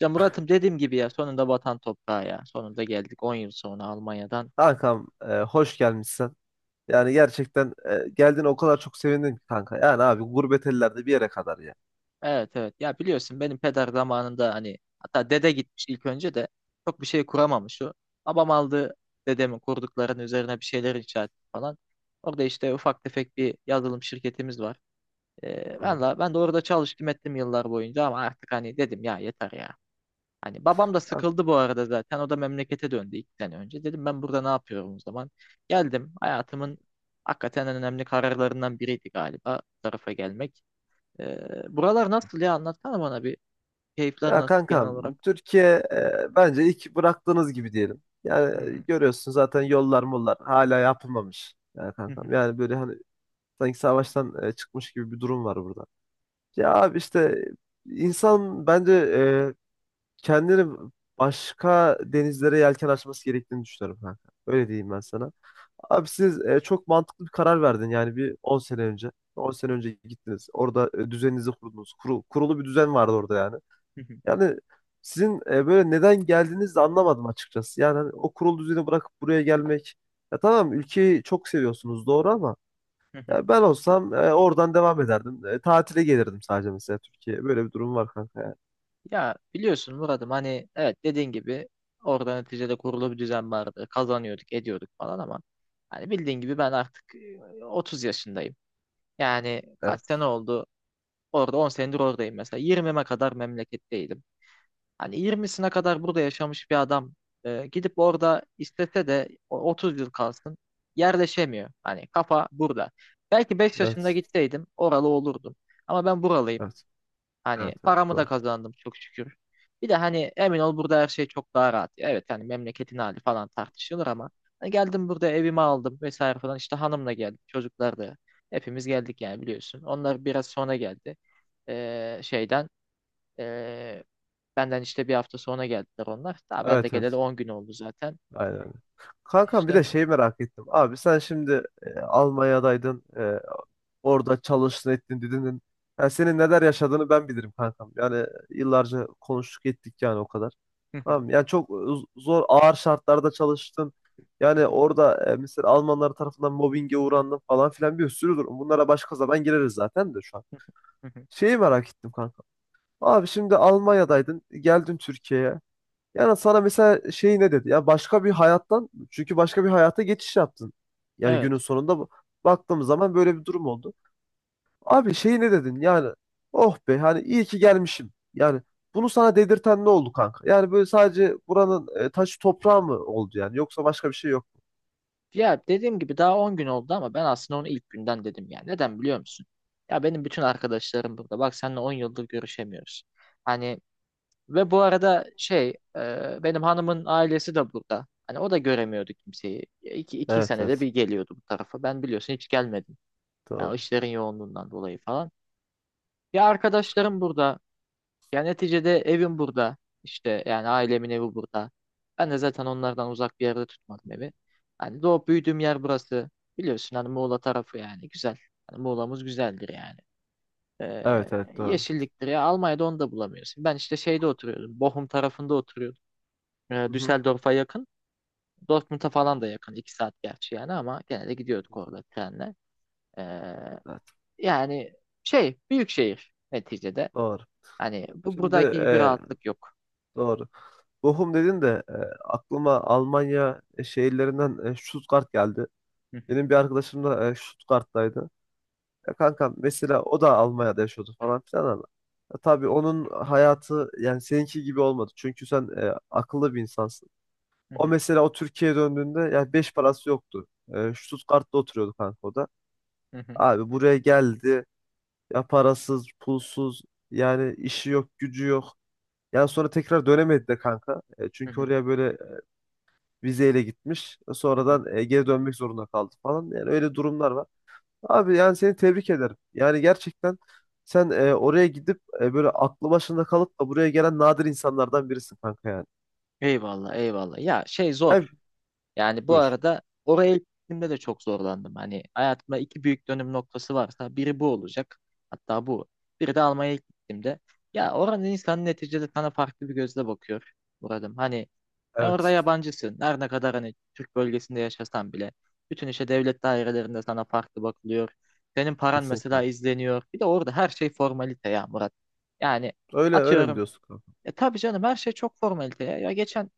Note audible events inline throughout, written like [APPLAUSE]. Ya Murat'ım dediğim gibi ya sonunda vatan toprağı ya. Sonunda geldik 10 yıl sonra Almanya'dan. Kankam, hoş gelmişsin. Yani gerçekten geldiğine o kadar çok sevindim ki kanka. Yani abi gurbet ellerde bir yere kadar ya. Evet evet. Ya biliyorsun benim peder zamanında hani hatta dede gitmiş ilk önce de çok bir şey kuramamış o. Babam aldı dedemin kurduklarının üzerine bir şeyler inşa etti falan. Orada işte ufak tefek bir yazılım şirketimiz var. Ee, Hı. ben, la, ben de orada çalıştım ettim yıllar boyunca ama artık hani dedim ya yeter ya. Hani babam da sıkıldı bu arada zaten. O da memlekete döndü 2 sene önce. Dedim ben burada ne yapıyorum o zaman? Geldim. Hayatımın hakikaten en önemli kararlarından biriydi galiba bu tarafa gelmek. Ee, Buralar nasıl ya? Anlatsana bana bir. Keyifler Ya nasıl genel kankam, olarak? Türkiye bence ilk bıraktığınız gibi diyelim. Yani Hmm. görüyorsun zaten yollar mollar hala yapılmamış. Yani Hı hı, kankam yani böyle hani sanki savaştan çıkmış gibi bir durum var burada. Ya abi işte insan bence kendini başka denizlere yelken açması gerektiğini düşünüyorum kanka. Öyle diyeyim ben sana. Abi siz çok mantıklı bir karar verdin yani bir 10 sene önce. 10 sene önce gittiniz. Orada düzeninizi kurdunuz. Kurulu bir düzen vardı orada yani. hı hı, Yani sizin böyle neden geldiğinizi de anlamadım açıkçası. Yani hani o kurulu düzeni bırakıp buraya gelmek. Ya tamam, ülkeyi çok seviyorsunuz doğru ama hı hı. ya ben olsam oradan devam ederdim. Tatile gelirdim sadece mesela Türkiye'ye. Böyle bir durum var kanka, yani. Ya biliyorsun Murat'ım hani evet dediğin gibi orada neticede kurulu bir düzen vardı. Kazanıyorduk, ediyorduk falan ama hani bildiğin gibi ben artık 30 yaşındayım. Yani kaç Evet. sene oldu? Orada 10 senedir oradayım mesela. 20'me kadar memleketteydim. Hani 20'sine kadar burada yaşamış bir adam gidip orada istese de 30 yıl kalsın yerleşemiyor. Hani kafa burada. Belki 5 yaşında Evet. gitseydim oralı olurdum. Ama ben buralıyım. Evet. Hani Evet. Evet. paramı da Doğru. kazandım çok şükür. Bir de hani emin ol burada her şey çok daha rahat. Evet hani memleketin hali falan tartışılır ama hani geldim burada evimi aldım vesaire falan işte hanımla geldik çocuklar da hepimiz geldik yani biliyorsun. Onlar biraz sonra geldi. Şeyden ee, Benden işte bir hafta sonra geldiler onlar. Daha ben de Evet. geleli Evet. 10 gün oldu zaten. Aynen. Kankam bir de İşte. şeyi merak ettim. Abi sen şimdi Almanya'daydın. Orada çalıştın ettin dedin. Yani senin neler yaşadığını ben bilirim kankam. Yani yıllarca konuştuk ettik yani o kadar. Tamam mı? Yani çok zor, ağır şartlarda çalıştın. Yani [LAUGHS] orada mesela Almanlar tarafından mobbinge uğrandın falan filan bir sürü durum. Bunlara başka zaman gireriz zaten de şu an. Şeyi merak ettim kanka. Abi şimdi Almanya'daydın, geldin Türkiye'ye. Yani sana mesela şey ne dedi? Ya başka bir hayattan, çünkü başka bir hayata geçiş yaptın. Yani günün Evet. sonunda baktığımız zaman böyle bir durum oldu. Abi şey ne dedin? Yani oh be, hani iyi ki gelmişim. Yani bunu sana dedirten ne oldu kanka? Yani böyle sadece buranın taşı toprağı mı oldu yani? Yoksa başka bir şey yok mu? Ya dediğim gibi daha 10 gün oldu ama ben aslında onu ilk günden dedim ya. Neden biliyor musun? Ya benim bütün arkadaşlarım burada. Bak seninle 10 yıldır görüşemiyoruz. Hani ve bu arada benim hanımın ailesi de burada. Hani o da göremiyordu kimseyi. Ya iki Evet senede evet, bir geliyordu bu tarafa. Ben biliyorsun hiç gelmedim. Yani o doğru. işlerin yoğunluğundan dolayı falan. Ya arkadaşlarım burada. Ya neticede evim burada. İşte yani ailemin evi burada. Ben de zaten onlardan uzak bir yerde tutmadım evi. Hani doğup büyüdüğüm yer burası. Biliyorsun hani Muğla tarafı yani güzel. Hani Muğla'mız güzeldir yani. Evet Ee, evet, doğru. Yeşilliktir ya. Almanya'da onu da bulamıyorsun. Ben işte şeyde oturuyordum. Bochum tarafında oturuyordum. Hı hı, Düsseldorf'a yakın. Dortmund'a falan da yakın. 2 saat gerçi yani ama gene de gidiyorduk orada trenle. Ee, evet yani büyük şehir neticede. doğru. Hani bu Şimdi, buradaki gibi rahatlık yok. doğru. Bochum dedin de aklıma Almanya şehirlerinden Stuttgart geldi. Benim bir arkadaşım da Stuttgart'taydı. Ya kankam, mesela o da Almanya'da yaşıyordu falan filan ama ya tabii onun hayatı yani seninki gibi olmadı. Çünkü sen akıllı bir insansın. O [LAUGHS] mesela o Türkiye'ye döndüğünde yani 5 parası yoktu. Stuttgart'ta oturuyordu kanka o da. Hı hı, Abi buraya geldi ya, parasız pulsuz, yani işi yok, gücü yok. Yani sonra tekrar dönemedi de kanka. Hı Çünkü hı, oraya böyle vizeyle gitmiş. hı hı. Sonradan geri dönmek zorunda kaldı falan. Yani öyle durumlar var. Abi yani seni tebrik ederim. Yani gerçekten sen oraya gidip böyle aklı başında kalıp da buraya gelen nadir insanlardan birisin kanka yani. Eyvallah, eyvallah. Ya şey Yani zor. Yani bu buyur. arada oraya ilk gittiğimde de çok zorlandım. Hani hayatımda iki büyük dönüm noktası varsa biri bu olacak. Hatta bu. Biri de Almanya'ya ilk gittiğimde. Ya oranın insanı neticede sana farklı bir gözle bakıyor. Buradım. Hani sen orada Evet. yabancısın. Her ne kadar hani Türk bölgesinde yaşasan bile. Bütün işte devlet dairelerinde sana farklı bakılıyor. Senin paran mesela Kesinlikle. izleniyor. Bir de orada her şey formalite ya Murat. Yani Öyle öyle mi atıyorum. diyorsun kanka? Ya tabii canım her şey çok formalite ya. Ya geçen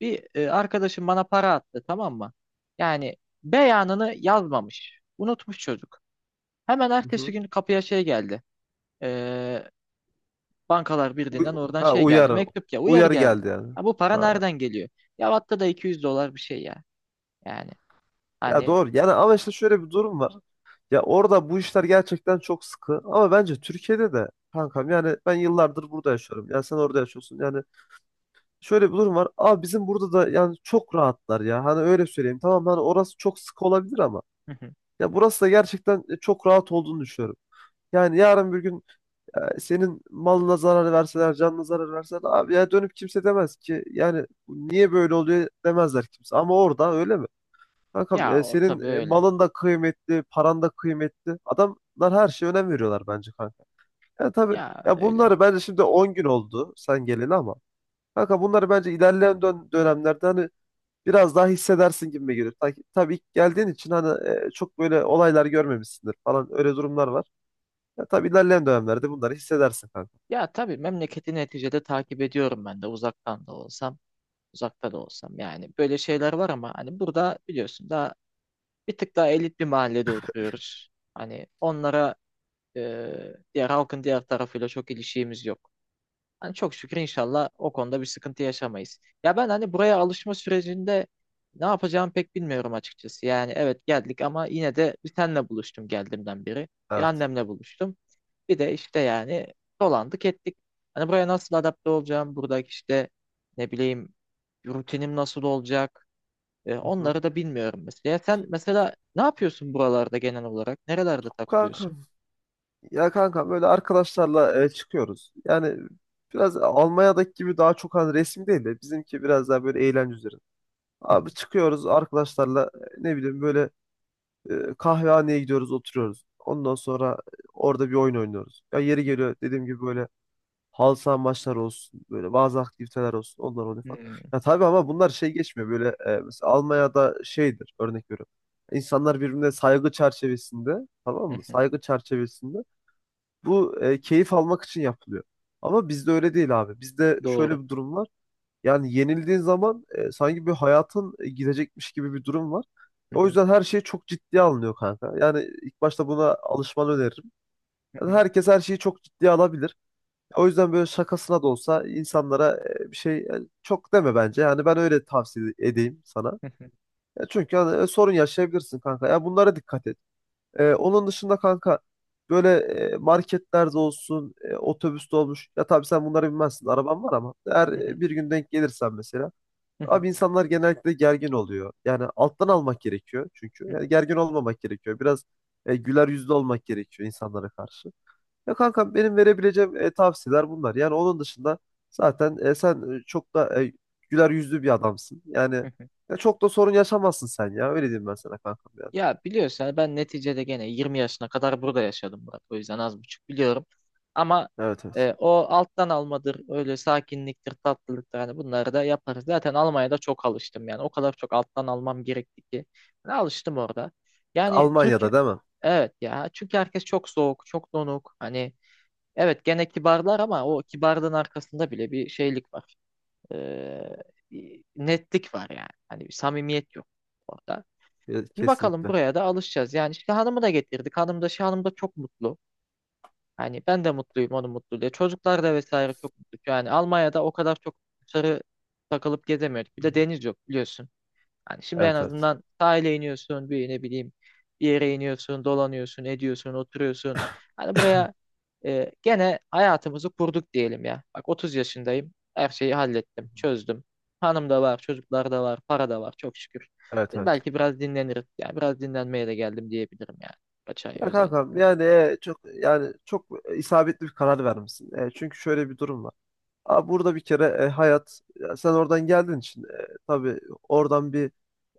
bir arkadaşım bana para attı, tamam mı? Yani beyanını yazmamış. Unutmuş çocuk. Hemen Hı ertesi hı. gün kapıya şey geldi. E, Bankalar Uy- Birliği'nden oradan ha, şey geldi. uyarı. Mektup ya uyarı Uyarı geldi. geldi yani. Ha, bu para Ha, nereden geliyor? Ya hatta da 200 dolar bir şey ya. Yani ya hani doğru. Yani ama işte şöyle bir durum var. Ya orada bu işler gerçekten çok sıkı. Ama bence Türkiye'de de kankam, yani ben yıllardır burada yaşıyorum. Ya sen orada yaşıyorsun. Yani şöyle bir durum var. Abi bizim burada da yani çok rahatlar ya. Hani öyle söyleyeyim. Tamam, hani orası çok sıkı olabilir ama [LAUGHS] ya burası da gerçekten çok rahat olduğunu düşünüyorum. Yani yarın bir gün senin malına zarar verseler, canına zarar verseler, abi ya dönüp kimse demez ki, yani niye böyle oluyor demezler kimse. Ama orada öyle mi? Kankam, ya o senin tabii öyle. malın da kıymetli, paran da kıymetli. Adamlar her şeye önem veriyorlar bence kanka. Yani tabii Ya ya, öyle. bunları bence şimdi 10 gün oldu sen geleli ama kanka bunları bence ilerleyen dönemlerde hani biraz daha hissedersin gibi gelir. Tabii ilk geldiğin için hani çok böyle olaylar görmemişsindir falan, öyle durumlar var. Ya, tabii ilerleyen dönemlerde bunları hissedersin kanka. Ya tabii memleketi neticede takip ediyorum ben de uzaktan da olsam, uzakta da olsam. Yani böyle şeyler var ama hani burada biliyorsun daha bir tık daha elit bir mahallede oturuyoruz. Hani onlara diğer halkın diğer tarafıyla çok ilişiğimiz yok. Hani çok şükür inşallah o konuda bir sıkıntı yaşamayız. Ya ben hani buraya alışma sürecinde ne yapacağımı pek bilmiyorum açıkçası. Yani evet geldik ama yine de bir senle buluştum geldiğimden beri. Bir Evet. annemle buluştum. Bir de işte yani dolandık ettik. Hani buraya nasıl adapte olacağım? Buradaki işte ne bileyim rutinim nasıl olacak? Hı hı. Onları da bilmiyorum mesela. Ya sen mesela ne yapıyorsun buralarda genel olarak? Nerelerde takılıyorsun? Kankam, ya kankam, böyle arkadaşlarla çıkıyoruz. Yani biraz Almanya'daki gibi daha çok hani resim değil de bizimki biraz daha böyle eğlence üzerine. Abi [LAUGHS] çıkıyoruz arkadaşlarla ne bileyim böyle kahvehaneye gidiyoruz, oturuyoruz. Ondan sonra orada bir oyun oynuyoruz. Ya yeri geliyor, dediğim gibi böyle halı saha maçları olsun, böyle bazı aktiviteler olsun, onlar oluyor falan. Hmm, Ya tabii ama bunlar şey geçmiyor böyle, mesela Almanya'da şeydir, örnek veriyorum. İnsanlar birbirine saygı çerçevesinde, tamam mı? Saygı [LAUGHS] çerçevesinde bu keyif almak için yapılıyor. Ama bizde öyle değil abi. Bizde Doğru. şöyle bir durum var. Yani yenildiğin zaman sanki bir hayatın gidecekmiş gibi bir durum var. O yüzden her şey çok ciddiye alınıyor kanka. Yani ilk başta buna alışmanı öneririm. Yani herkes her şeyi çok ciddiye alabilir. O yüzden böyle şakasına da olsa insanlara bir şey çok deme bence. Yani ben öyle tavsiye edeyim sana. Ya çünkü hani, sorun yaşayabilirsin kanka. Ya bunlara dikkat et. Onun dışında kanka böyle marketlerde olsun, otobüste olmuş. Ya tabii sen bunları bilmezsin. Araban var ama eğer bir gün denk gelirsen mesela. Abi insanlar genellikle gergin oluyor. Yani alttan almak gerekiyor çünkü. Yani gergin olmamak gerekiyor. Biraz güler yüzlü olmak gerekiyor insanlara karşı. Ya kanka, benim verebileceğim tavsiyeler bunlar. Yani onun dışında zaten sen çok da güler yüzlü bir adamsın. Yani [LAUGHS] ya çok da sorun yaşamazsın sen ya. Öyle diyeyim ben sana kankam, yani. Ya biliyorsun yani ben neticede gene 20 yaşına kadar burada yaşadım Murat. O yüzden az buçuk biliyorum. Ama Evet evet. O alttan almadır, öyle sakinliktir, tatlılıktır. Hani bunları da yaparız. Zaten Almanya'da çok alıştım yani. O kadar çok alttan almam gerekti ki. Ben alıştım orada. Yani Türkiye, Almanya'da değil mi? evet ya. Çünkü herkes çok soğuk, çok donuk. Hani evet gene kibarlar ama o kibarlığın arkasında bile bir şeylik var. E, Bir netlik var yani. Hani bir samimiyet yok orada. Şimdi bakalım Kesinlikle. buraya da alışacağız. Yani işte hanımı da getirdik. Hanım da çok mutlu. Hani ben de mutluyum onun mutluluğu. Çocuklar da vesaire çok mutlu. Yani Almanya'da o kadar çok dışarı takılıp gezemiyoruz. Bir de deniz yok biliyorsun. Hani şimdi en Evet evet. azından sahile iniyorsun, bir ne bileyim bir yere iniyorsun, dolanıyorsun, ediyorsun, oturuyorsun. Hani buraya gene hayatımızı kurduk diyelim ya. Bak 30 yaşındayım. Her şeyi hallettim, çözdüm. Hanım da var, çocuklar da var, para da var çok şükür. Evet Şimdi evet. belki biraz dinleniriz. Yani biraz dinlenmeye de geldim diyebilirim yani. Kaç ay Ya kankam, özellikle. yani çok, yani çok isabetli bir karar vermişsin. Çünkü şöyle bir durum var. Burada bir kere hayat ya, sen oradan geldiğin için tabii oradan bir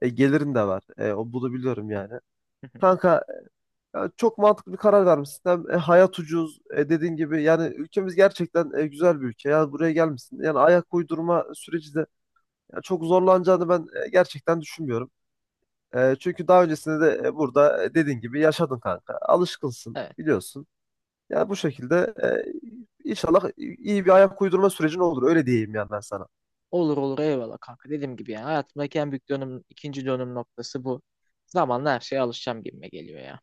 gelirin de var. O, bunu biliyorum yani. [LAUGHS] Kanka, ya çok mantıklı bir karar vermişsin. Hem hayat ucuz dediğin gibi, yani ülkemiz gerçekten güzel bir ülke. Yani buraya gelmişsin. Yani ayak uydurma süreci de ya, çok zorlanacağını ben gerçekten düşünmüyorum. Çünkü daha öncesinde de burada dediğin gibi yaşadın kanka. Alışkınsın, Evet. biliyorsun. Yani bu şekilde inşallah iyi bir ayak uydurma sürecin olur. Öyle diyeyim yani ben sana. Olur olur eyvallah kanka. Dediğim gibi yani hayatımdaki en büyük dönüm, ikinci dönüm noktası bu. Zamanla her şeye alışacağım gibime geliyor ya.